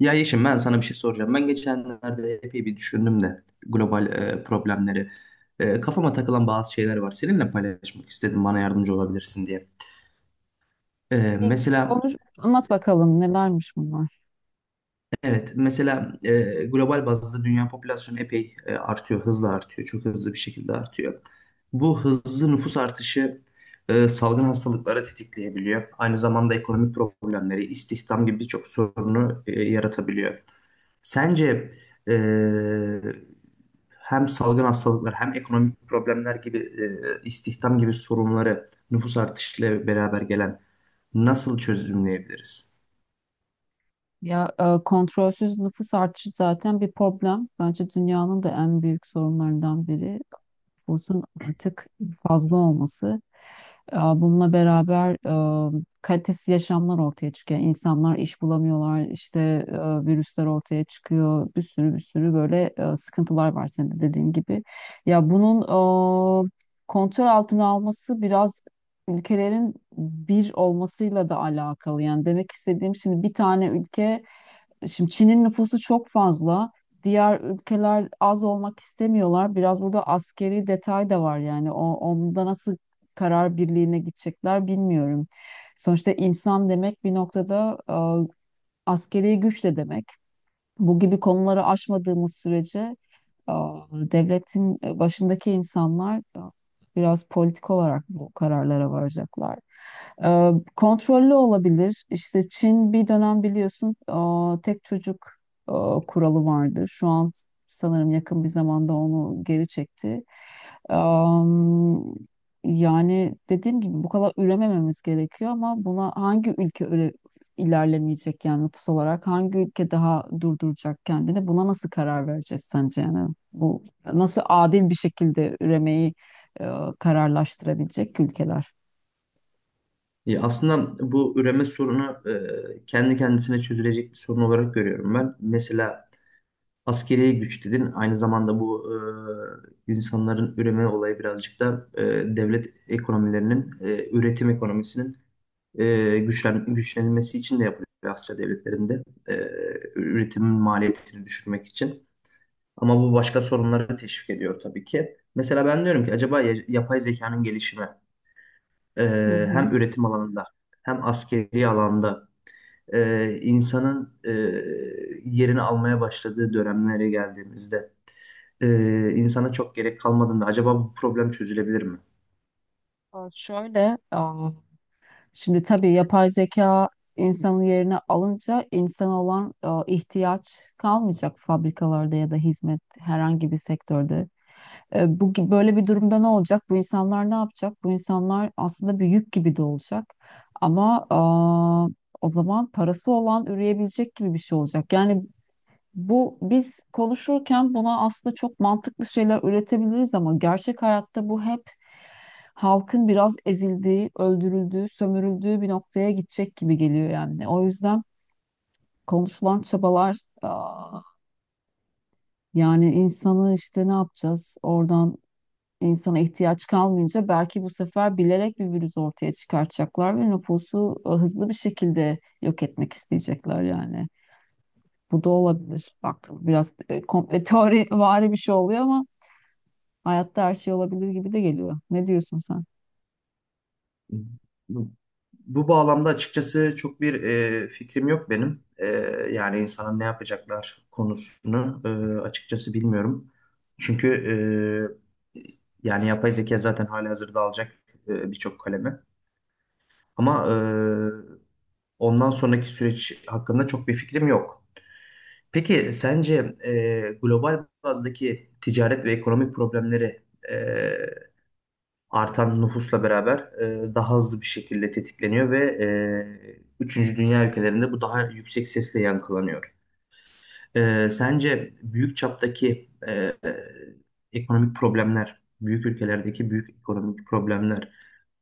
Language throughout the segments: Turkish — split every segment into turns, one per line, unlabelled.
Ya Yeşim ben sana bir şey soracağım. Ben geçenlerde epey bir düşündüm de global problemleri. Kafama takılan bazı şeyler var. Seninle paylaşmak istedim bana yardımcı olabilirsin diye. E,
Bir
mesela
konuş, anlat bakalım nelermiş bunlar?
Evet mesela global bazda dünya popülasyonu epey artıyor. Hızla artıyor. Çok hızlı bir şekilde artıyor. Bu hızlı nüfus artışı salgın hastalıkları tetikleyebiliyor. Aynı zamanda ekonomik problemleri, istihdam gibi birçok sorunu yaratabiliyor. Sence eee, hem salgın hastalıklar hem ekonomik problemler gibi istihdam gibi sorunları nüfus artışıyla beraber gelen nasıl çözümleyebiliriz?
Kontrolsüz nüfus artışı zaten bir problem. Bence dünyanın da en büyük sorunlarından biri nüfusun artık fazla olması. Bununla beraber kalitesiz yaşamlar ortaya çıkıyor. İnsanlar iş bulamıyorlar, işte e, virüsler ortaya çıkıyor. Bir sürü böyle sıkıntılar var senin de dediğin gibi. Ya bunun e, kontrol altına alması biraz ülkelerin bir olmasıyla da alakalı. Yani demek istediğim şimdi bir tane ülke. Şimdi Çin'in nüfusu çok fazla. Diğer ülkeler az olmak istemiyorlar. Biraz burada askeri detay da var yani. Onda nasıl karar birliğine gidecekler bilmiyorum. Sonuçta insan demek bir noktada askeri güç de demek. Bu gibi konuları aşmadığımız sürece devletin başındaki insanlar biraz politik olarak bu kararlara varacaklar. Kontrollü olabilir. İşte Çin bir dönem biliyorsun tek çocuk kuralı vardı. Şu an sanırım yakın bir zamanda onu geri çekti. Am, Yani dediğim gibi bu kadar üremememiz gerekiyor ama buna hangi ülke öyle ilerlemeyecek, yani nüfus olarak hangi ülke daha durduracak kendini, buna nasıl karar vereceğiz sence? Yani bu nasıl adil bir şekilde üremeyi e, kararlaştırabilecek ülkeler?
Aslında bu üreme sorunu kendi kendisine çözülecek bir sorun olarak görüyorum ben. Mesela askeri güç dedin. Aynı zamanda bu insanların üreme olayı birazcık da devlet ekonomilerinin, üretim ekonomisinin güçlenilmesi için de yapılıyor Asya devletlerinde. E, Üretimin maliyetini düşürmek için. Ama bu başka sorunları teşvik ediyor tabii ki. Mesela ben diyorum ki acaba yapay zekanın gelişimi e,
Hı
hem
hı.
üretim alanında hem askeri alanda insanın yerini almaya başladığı dönemlere geldiğimizde e, insana çok gerek kalmadığında acaba bu problem çözülebilir mi?
Şöyle, şimdi tabii yapay zeka insanın yerine alınca insan olan ihtiyaç kalmayacak fabrikalarda ya da hizmet herhangi bir sektörde. Böyle bir durumda ne olacak? Bu insanlar ne yapacak? Bu insanlar aslında bir yük gibi de olacak. Ama o zaman parası olan üreyebilecek gibi bir şey olacak. Yani bu biz konuşurken buna aslında çok mantıklı şeyler üretebiliriz ama gerçek hayatta bu hep halkın biraz ezildiği, öldürüldüğü, sömürüldüğü bir noktaya gidecek gibi geliyor yani. O yüzden konuşulan çabalar, yani insanı işte ne yapacağız? Oradan insana ihtiyaç kalmayınca belki bu sefer bilerek bir virüs ortaya çıkartacaklar ve nüfusu hızlı bir şekilde yok etmek isteyecekler yani. Bu da olabilir. Baktım biraz komple teori vari bir şey oluyor ama hayatta her şey olabilir gibi de geliyor. Ne diyorsun sen?
Bu bağlamda açıkçası çok bir fikrim yok benim. Yani insana ne yapacaklar konusunu açıkçası bilmiyorum. Çünkü yani yapay zeka zaten halihazırda alacak birçok kalemi. Ama ondan sonraki süreç hakkında çok bir fikrim yok. Peki sence global bazdaki ticaret ve ekonomik problemleri e, artan nüfusla beraber daha hızlı bir şekilde tetikleniyor ve üçüncü dünya ülkelerinde bu daha yüksek sesle yankılanıyor. Sence büyük çaptaki ekonomik problemler, büyük ülkelerdeki büyük ekonomik problemler,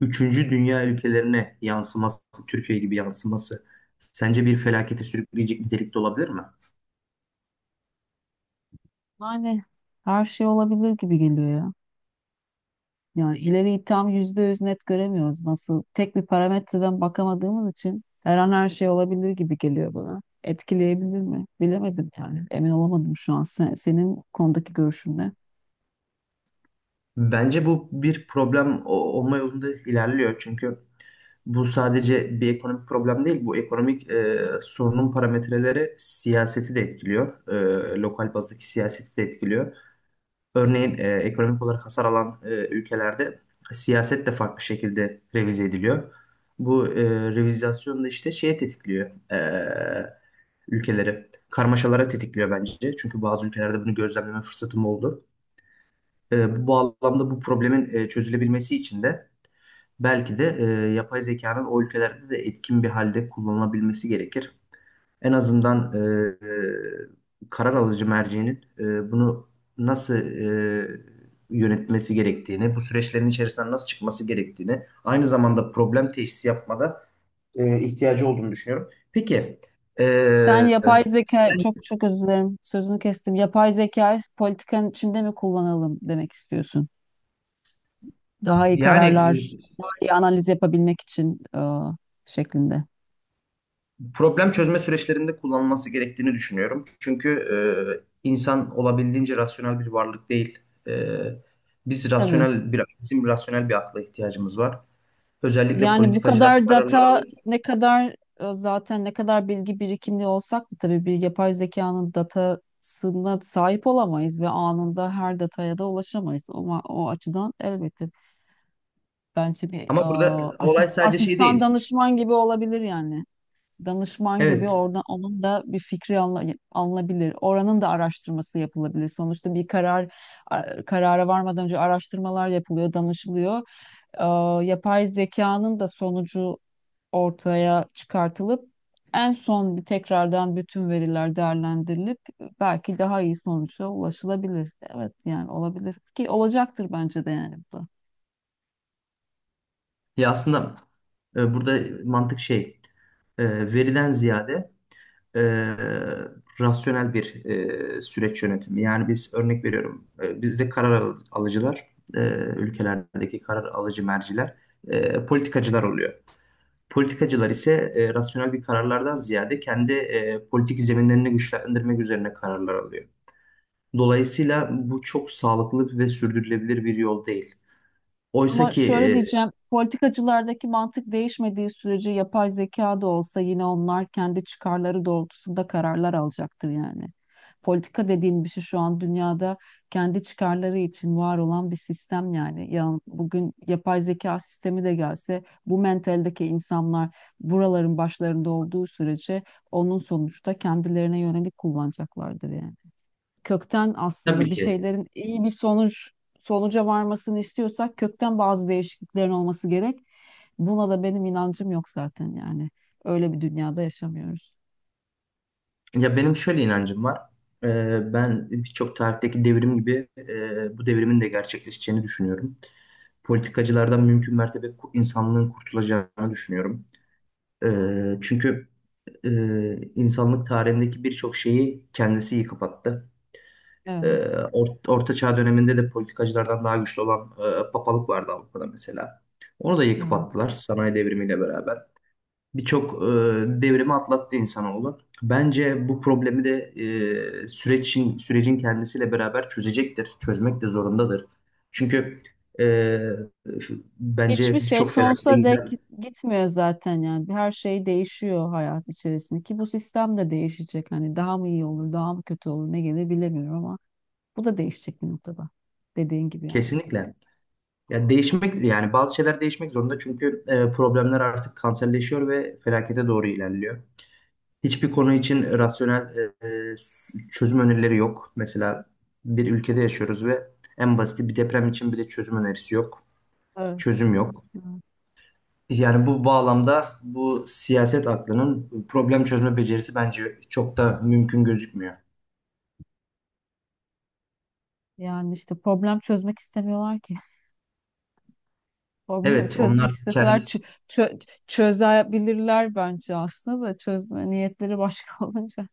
üçüncü dünya ülkelerine yansıması, Türkiye gibi yansıması sence bir felakete sürükleyecek nitelikte olabilir mi?
Yani her şey olabilir gibi geliyor ya. Yani ileriyi tam yüzde yüz net göremiyoruz. Nasıl tek bir parametreden bakamadığımız için her an her şey olabilir gibi geliyor bana. Etkileyebilir mi? Bilemedim yani. Emin olamadım şu an. Senin bu konudaki görüşün ne?
Bence bu bir problem olma yolunda ilerliyor. Çünkü bu sadece bir ekonomik problem değil, bu ekonomik sorunun parametreleri siyaseti de etkiliyor. Lokal bazdaki siyaseti de etkiliyor. Örneğin ekonomik olarak hasar alan ülkelerde siyaset de farklı şekilde revize ediliyor. Bu revizasyon da işte şeye tetikliyor ülkeleri. Karmaşalara tetikliyor bence. Çünkü bazı ülkelerde bunu gözlemleme fırsatım oldu. Bu bağlamda bu problemin çözülebilmesi için de belki de yapay zekanın o ülkelerde de etkin bir halde kullanılabilmesi gerekir. En azından karar alıcı mercinin bunu nasıl yönetmesi gerektiğini, bu süreçlerin içerisinden nasıl çıkması gerektiğini, aynı zamanda problem teşhisi yapmada ihtiyacı olduğunu düşünüyorum. Peki,
Sen
e,
yapay zeka
sen
çok çok özür dilerim sözünü kestim. Yapay zekayı politikanın içinde mi kullanalım demek istiyorsun? Daha iyi
yani
kararlar, daha iyi analiz yapabilmek için şeklinde.
problem çözme süreçlerinde kullanılması gerektiğini düşünüyorum. Çünkü insan olabildiğince rasyonel bir varlık değil. E, Biz
Tabii.
rasyonel bir, bizim rasyonel bir akla ihtiyacımız var. Özellikle
Yani bu
politikacılar
kadar
kararlar
data
alırken.
ne kadar zaten ne kadar bilgi birikimli olsak da tabii bir yapay zekanın datasına sahip olamayız ve anında her dataya da ulaşamayız. Ama o açıdan elbette bence bir,
Ama burada olay sadece şey
asistan
değil.
danışman gibi olabilir yani, danışman gibi
Evet.
oradan onun da bir fikri alınabilir. Oranın da araştırması yapılabilir. Sonuçta bir karara varmadan önce araştırmalar yapılıyor, danışılıyor. Ee, Yapay zekanın da sonucu ortaya çıkartılıp en son bir tekrardan bütün veriler değerlendirilip belki daha iyi sonuca ulaşılabilir. Evet yani olabilir ki olacaktır bence de yani bu da.
Ya aslında burada mantık şey veriden ziyade e, rasyonel bir süreç yönetimi. Yani biz örnek veriyorum bizde alıcılar e, ülkelerdeki karar alıcı merciler politikacılar oluyor. Politikacılar ise rasyonel bir kararlardan ziyade kendi politik zeminlerini güçlendirmek üzerine kararlar alıyor. Dolayısıyla bu çok sağlıklı ve sürdürülebilir bir yol değil. Oysa
Ama
ki
şöyle diyeceğim, politikacılardaki mantık değişmediği sürece yapay zeka da olsa yine onlar kendi çıkarları doğrultusunda kararlar alacaktır yani. Politika dediğin bir şey şu an dünyada kendi çıkarları için var olan bir sistem yani. Ya bugün yapay zeka sistemi de gelse bu mentaldeki insanlar buraların başlarında olduğu sürece onun sonuçta kendilerine yönelik kullanacaklardır yani, kökten aslında
tabii
bir
ki.
şeylerin iyi bir sonuca varmasını istiyorsak kökten bazı değişikliklerin olması gerek. Buna da benim inancım yok zaten yani. Öyle bir dünyada yaşamıyoruz.
Ya benim şöyle inancım var. Ben birçok tarihteki devrim gibi bu devrimin de gerçekleşeceğini düşünüyorum. Politikacılardan mümkün mertebe insanlığın kurtulacağını düşünüyorum. Çünkü e, insanlık tarihindeki birçok şeyi kendisi yıkıp attı. Ee,
Evet,
Orta Çağ döneminde de politikacılardan daha güçlü olan papalık vardı Avrupa'da mesela. Onu da yıkıp
evet.
attılar sanayi devrimiyle beraber birçok devrimi atlattı insanoğlu. Bence bu problemi de sürecin kendisiyle beraber çözecektir. Çözmek de zorundadır. Çünkü e,
Hiçbir
bence
şey
birçok felakete
sonsuza dek
giden
gitmiyor zaten yani. Her şey değişiyor hayat içerisinde ki bu sistem de değişecek. Hani daha mı iyi olur, daha mı kötü olur, ne gelir bilemiyorum ama bu da değişecek bir noktada. Dediğin gibi yani.
kesinlikle. Ya değişmek yani bazı şeyler değişmek zorunda çünkü problemler artık kanserleşiyor ve felakete doğru ilerliyor. Hiçbir konu için rasyonel e, e, çözüm önerileri yok. Mesela bir ülkede yaşıyoruz ve en basit bir deprem için bile çözüm önerisi yok.
Evet.
Çözüm yok.
Evet.
Yani bu bağlamda bu siyaset aklının problem çözme becerisi bence çok da mümkün gözükmüyor.
Yani işte problem çözmek istemiyorlar ki. Problem
Evet, onlar
çözmek isteseler
kendisi
çözebilirler bence, aslında da çözme niyetleri başka olunca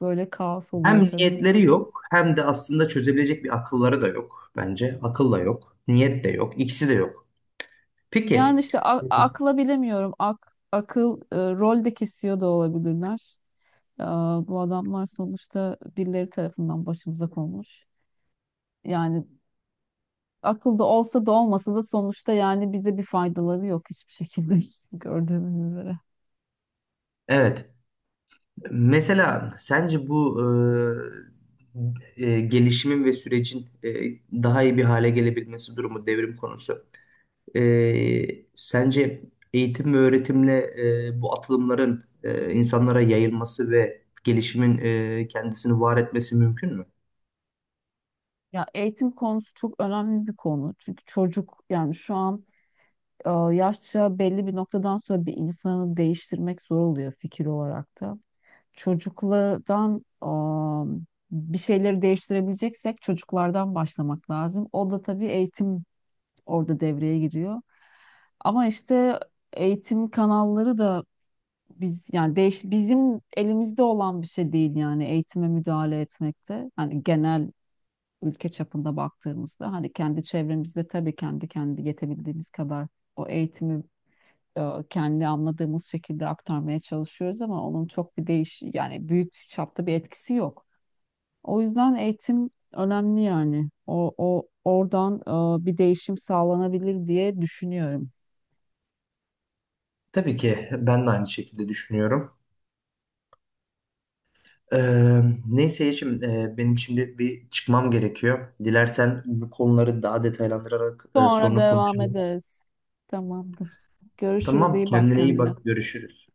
böyle kaos
hem
oluyor tabii.
niyetleri yok hem de aslında çözebilecek bir akılları da yok bence. Akıl da yok, niyet de yok, ikisi de yok.
Yani
Peki,
işte akla bilemiyorum. Akıl rol de kesiyor da olabilirler. Bu adamlar sonuçta birileri tarafından başımıza konmuş. Yani akılda olsa da olmasa da sonuçta yani bize bir faydaları yok hiçbir şekilde gördüğümüz üzere.
evet. Mesela sence bu gelişimin ve sürecin daha iyi bir hale gelebilmesi durumu devrim konusu. Sence eğitim ve öğretimle bu atılımların insanlara yayılması ve gelişimin kendisini var etmesi mümkün mü?
Ya eğitim konusu çok önemli bir konu. Çünkü çocuk yani şu an yaşça belli bir noktadan sonra bir insanı değiştirmek zor oluyor fikir olarak da. Çocuklardan bir şeyleri değiştirebileceksek çocuklardan başlamak lazım. O da tabii eğitim orada devreye giriyor. Ama işte eğitim kanalları da biz yani bizim elimizde olan bir şey değil yani eğitime müdahale etmekte. Hani genel ülke çapında baktığımızda hani kendi çevremizde tabii kendi yetebildiğimiz kadar o eğitimi e, kendi anladığımız şekilde aktarmaya çalışıyoruz ama onun çok bir yani büyük çapta bir etkisi yok. O yüzden eğitim önemli yani. O, o Oradan bir değişim sağlanabilir diye düşünüyorum.
Tabii ki ben de aynı şekilde düşünüyorum. Neyse Yeşim, benim şimdi bir çıkmam gerekiyor. Dilersen bu konuları daha detaylandırarak
Sonra
sonra
devam
konuşalım.
ederiz. Tamamdır. Görüşürüz.
Tamam,
İyi bak
kendine iyi
kendine.
bak, görüşürüz.